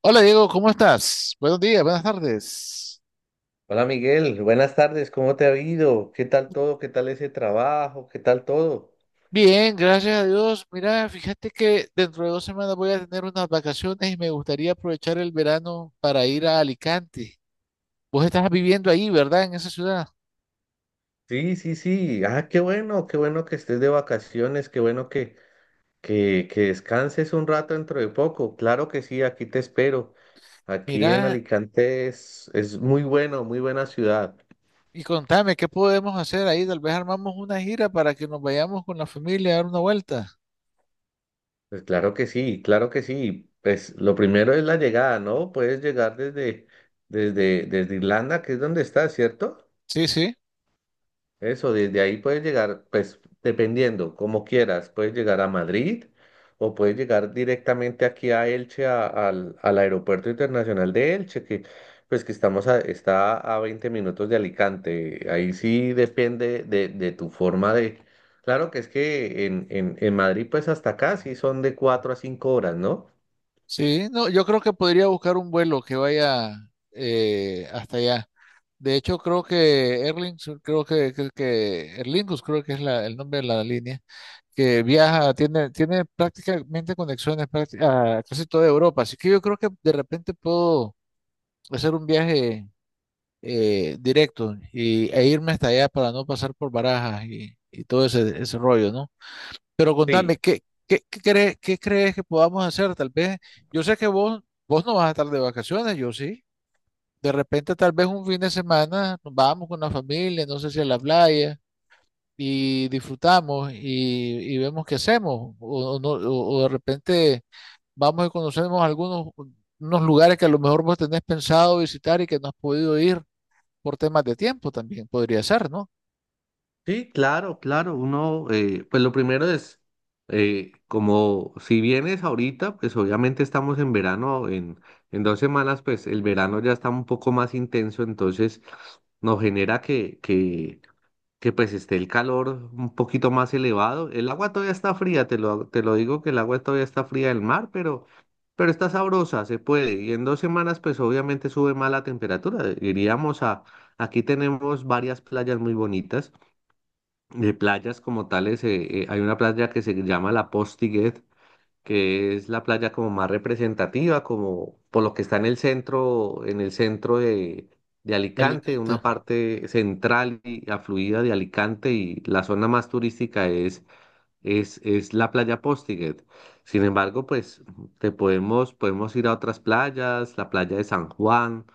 Hola Diego, ¿cómo estás? Buenos días, buenas tardes. Hola Miguel, buenas tardes, ¿cómo te ha ido? ¿Qué tal todo? ¿Qué tal ese trabajo? ¿Qué tal todo? Bien, gracias a Dios. Mira, fíjate que dentro de 2 semanas voy a tener unas vacaciones y me gustaría aprovechar el verano para ir a Alicante. Vos estás viviendo ahí, ¿verdad? En esa ciudad. Sí, sí, sí. Ah, qué bueno que estés de vacaciones, qué bueno que descanses un rato dentro de poco. Claro que sí, aquí te espero. Aquí en Mira, Alicante es muy bueno, muy buena ciudad. y contame, ¿qué podemos hacer ahí? Tal vez armamos una gira para que nos vayamos con la familia a dar una vuelta. Pues claro que sí, claro que sí. Pues lo primero es la llegada, ¿no? Puedes llegar desde Irlanda, que es donde estás, ¿cierto? Sí, sí, Eso, desde ahí puedes llegar, pues dependiendo, como quieras, puedes llegar a Madrid o puedes llegar directamente aquí a Elche, al Aeropuerto Internacional de Elche, que pues que está a 20 minutos de Alicante. Ahí sí depende de tu forma de. Claro que es que en Madrid pues hasta acá sí son de 4 a 5 horas, ¿no? sí. No, yo creo que podría buscar un vuelo que vaya hasta allá. De hecho, creo que Erling, creo que Erlingus, creo que es el nombre de la línea, que viaja, tiene prácticamente conexiones prácti- a casi toda Europa. Así que yo creo que de repente puedo hacer un viaje directo e irme hasta allá para no pasar por Barajas y todo ese rollo, ¿no? Pero contame, Sí. ¿qué crees que podamos hacer? Tal vez, yo sé que vos no vas a estar de vacaciones, yo sí. De repente, tal vez un fin de semana, nos vamos con la familia, no sé si a la playa, y disfrutamos y vemos qué hacemos. O no- o de repente vamos y conocemos algunos unos lugares que a lo mejor vos tenés pensado visitar y que no has podido ir por temas de tiempo también, podría ser, ¿no? Sí, claro, claro. Uno, pues lo primero es, como si vienes ahorita, pues obviamente estamos en verano, en 2 semanas, pues el verano ya está un poco más intenso, entonces nos genera que pues esté el calor un poquito más elevado. El agua todavía está fría, te lo digo que el agua todavía está fría del mar, pero está sabrosa, se puede. Y en 2 semanas, pues obviamente sube más la temperatura. Aquí tenemos varias playas muy bonitas. De playas como tales, hay una playa que se llama La Postiguet, que es la playa como más representativa, como por lo que está en el centro de Alicante, Alicante. una parte central y afluida de Alicante, y la zona más turística es la playa Postiguet. Sin embargo, pues podemos ir a otras playas, la playa de San Juan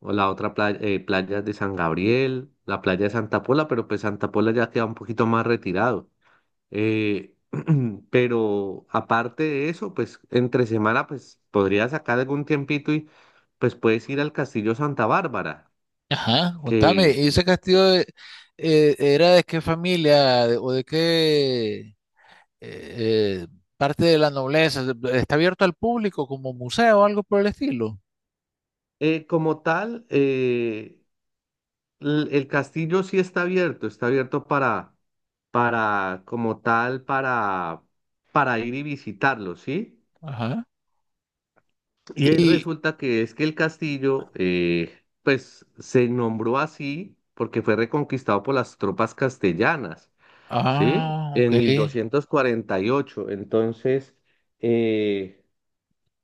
o la otra playa, playa de San Gabriel, la playa de Santa Pola, pero pues Santa Pola ya queda un poquito más retirado. Eh, pero aparte de eso, pues entre semana, pues podrías sacar algún tiempito y pues puedes ir al Castillo Santa Bárbara, Ajá, contame, que ¿y ese castillo era de qué familia o de qué eh, parte de la nobleza, está abierto al público como museo o algo por el estilo? Como tal, el castillo sí está abierto como tal, para ir y visitarlo, ¿sí? Ajá. Y Y, resulta que es que el castillo, pues se nombró así porque fue reconquistado por las tropas castellanas, ¿sí? ah, ok. En 1248. Entonces, eh,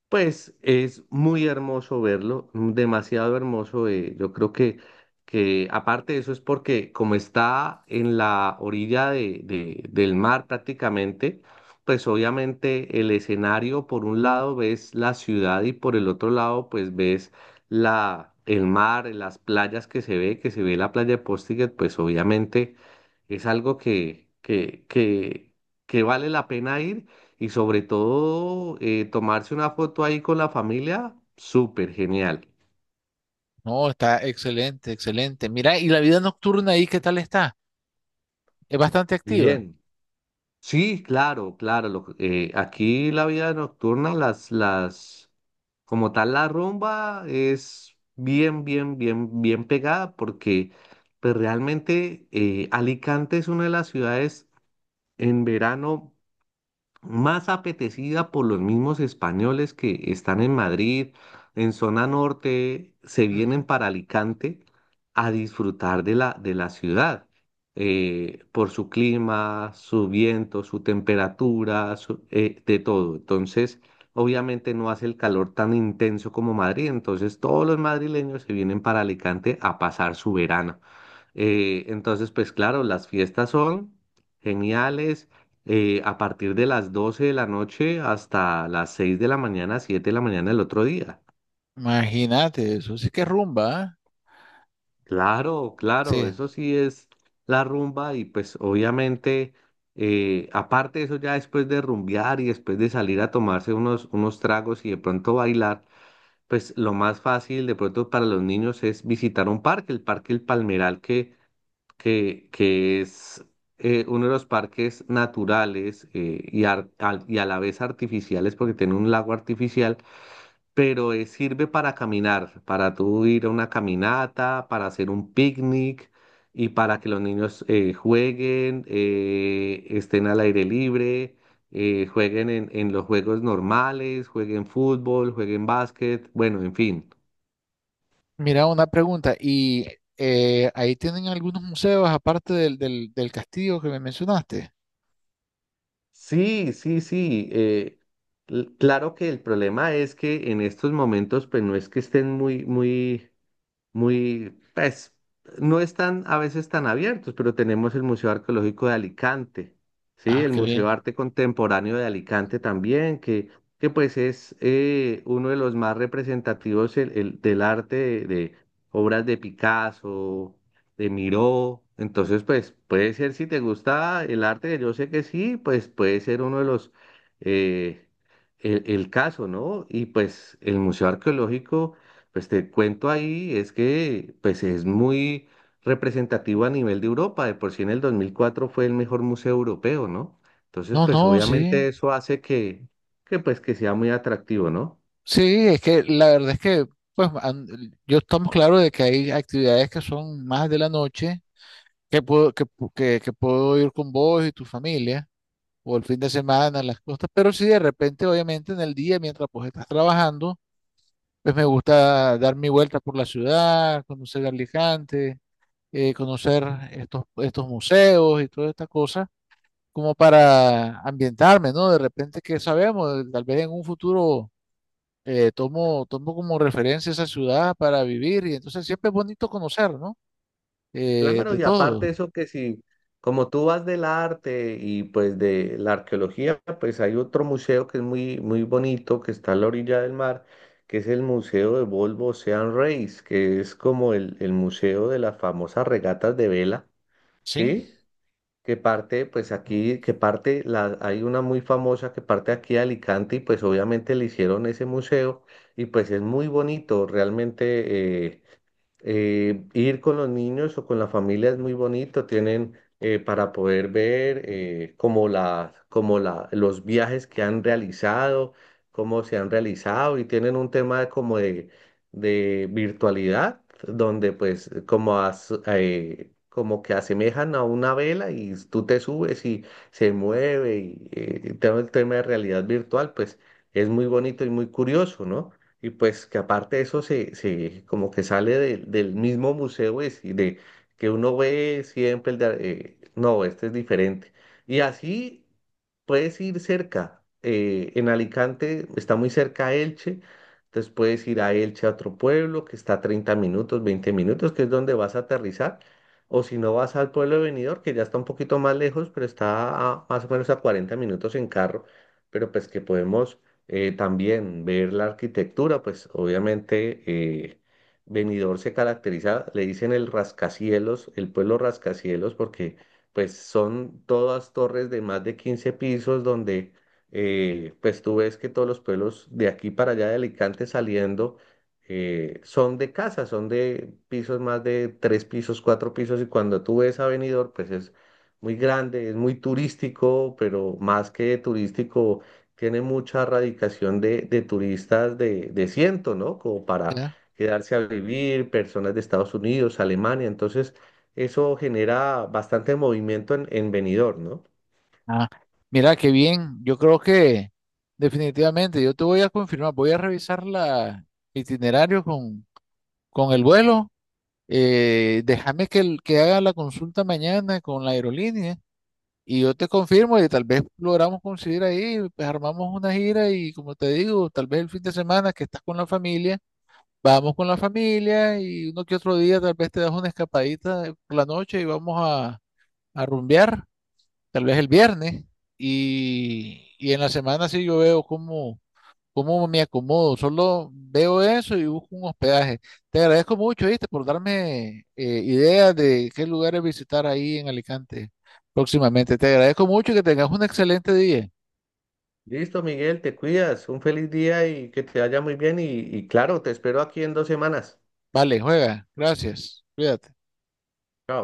pues es muy hermoso verlo, demasiado hermoso. Yo creo que aparte de eso es porque como está en la orilla del mar prácticamente, pues obviamente el escenario por un lado ves la ciudad y por el otro lado pues ves el mar, las playas que se ve la playa de Postiguet, pues obviamente es algo que vale la pena ir. Y sobre todo, tomarse una foto ahí con la familia, súper genial. No, está excelente, excelente. Mira, y la vida nocturna ahí, ¿qué tal está? Es bastante activa. Bien. Sí, claro, claro. Aquí la vida nocturna, como tal, la rumba es bien, bien, bien, bien pegada porque pues, realmente Alicante es una de las ciudades en verano más apetecida por los mismos españoles que están en Madrid, en zona norte, se vienen Ujú. para Alicante a disfrutar de la ciudad, por su clima, su viento, su temperatura, de todo. Entonces, obviamente no hace el calor tan intenso como Madrid, entonces todos los madrileños se vienen para Alicante a pasar su verano. Entonces, pues claro, las fiestas son geniales, a partir de las 12 de la noche hasta las 6 de la mañana, 7 de la mañana del otro día. Imagínate, eso sí que es rumba, ¿ah? Claro, claro, Sí. eso sí es la rumba y pues obviamente, aparte de eso ya después de rumbear y después de salir a tomarse unos tragos y de pronto bailar, pues lo más fácil de pronto para los niños es visitar un parque, el Parque El Palmeral que es uno de los parques naturales y a la vez artificiales porque tiene un lago artificial, pero sirve para caminar, para tú ir a una caminata, para hacer un picnic y para que los niños jueguen, estén al aire libre. Jueguen en los juegos normales, jueguen fútbol, jueguen básquet, bueno, en fin. Mira, una pregunta. ¿Y ahí tienen algunos museos aparte del castillo que me mencionaste? Sí, sí, sí. Claro que el problema es que en estos momentos, pues no es que estén muy, muy, muy, pues, no están a veces tan abiertos, pero tenemos el Museo Arqueológico de Alicante, ¿sí? Ah, El qué Museo bien. de Arte Contemporáneo de Alicante también, que pues es uno de los más representativos del arte de obras de Picasso, de Miró. Entonces, pues puede ser, si te gusta el arte, que yo sé que sí, pues puede ser uno de los, eh, el caso, ¿no? Y pues el Museo Arqueológico. Pues te cuento ahí, es que pues es muy representativo a nivel de Europa, de por sí en el 2004 fue el mejor museo europeo, ¿no? Entonces, No, no, pues sí. obviamente eso hace que sea muy atractivo, ¿no? Sí, es que la verdad es que, pues, an- yo estamos claros de que hay actividades que son más de la noche, que puedo, que, pu- que puedo ir con vos y tu familia, o el fin de semana, las cosas, pero si de repente, obviamente, en el día, mientras pues estás trabajando, pues me gusta dar mi vuelta por la ciudad, conocer Alicante, conocer estos museos y todas estas cosas, como para ambientarme, ¿no? De repente, que sabemos? Tal vez en un futuro tomo como referencia esa ciudad para vivir y entonces siempre es bonito conocer, ¿no? Claro, De y aparte todo. eso que si, como tú vas del arte y pues de la arqueología, pues hay otro museo que es muy, muy bonito, que está a la orilla del mar, que es el Museo de Volvo Ocean Race, que es como el museo de las famosas regatas de vela, Sí, ¿sí? que parte, pues aquí, que parte, la, Hay una muy famosa que parte aquí de Alicante y pues obviamente le hicieron ese museo y pues es muy bonito, realmente ir con los niños o con la familia es muy bonito, tienen para poder ver los viajes que han realizado, cómo se han realizado y tienen un tema de como de virtualidad, donde pues como que asemejan a una vela y tú te subes y se mueve y todo el tema de realidad virtual, pues es muy bonito y muy curioso, ¿no? Y pues que aparte de eso se como que sale del mismo museo es, y de que uno ve siempre no, este es diferente. Y así puedes ir cerca. En Alicante está muy cerca a Elche, entonces puedes ir a Elche a otro pueblo que está a 30 minutos, 20 minutos, que es donde vas a aterrizar. O si no vas al pueblo de Benidorm, que ya está un poquito más lejos, pero está más o menos a 40 minutos en carro. Pero pues que podemos también ver la arquitectura, pues obviamente Benidorm se caracteriza, le dicen el rascacielos, el pueblo rascacielos, porque pues son todas torres de más de 15 pisos donde pues tú ves que todos los pueblos de aquí para allá de Alicante saliendo son de casas, son de pisos más de 3 pisos, 4 pisos y cuando tú ves a Benidorm pues es muy grande, es muy turístico, pero más que turístico tiene mucha radicación de turistas de ciento, ¿no? Como para ya. quedarse a vivir, personas de Estados Unidos, Alemania. Entonces, eso genera bastante movimiento en Benidorm, ¿no? Ah, mira, qué bien. Yo creo que definitivamente yo te voy a confirmar, voy a revisar la itinerario con el vuelo. Déjame que haga la consulta mañana con la aerolínea y yo te confirmo y tal vez logramos coincidir ahí, pues armamos una gira y como te digo, tal vez el fin de semana que estás con la familia. Vamos con la familia y uno que otro día tal vez te das una escapadita por la noche y vamos a rumbear, tal vez el viernes. Y en la semana sí yo veo cómo me acomodo, solo veo eso y busco un hospedaje. Te agradezco mucho, ¿viste? Por darme ideas de qué lugares visitar ahí en Alicante próximamente. Te agradezco mucho y que tengas un excelente día. Listo, Miguel, te cuidas. Un feliz día y que te vaya muy bien. Y claro, te espero aquí en 2 semanas. Vale, juega. Gracias. Cuídate. Chao.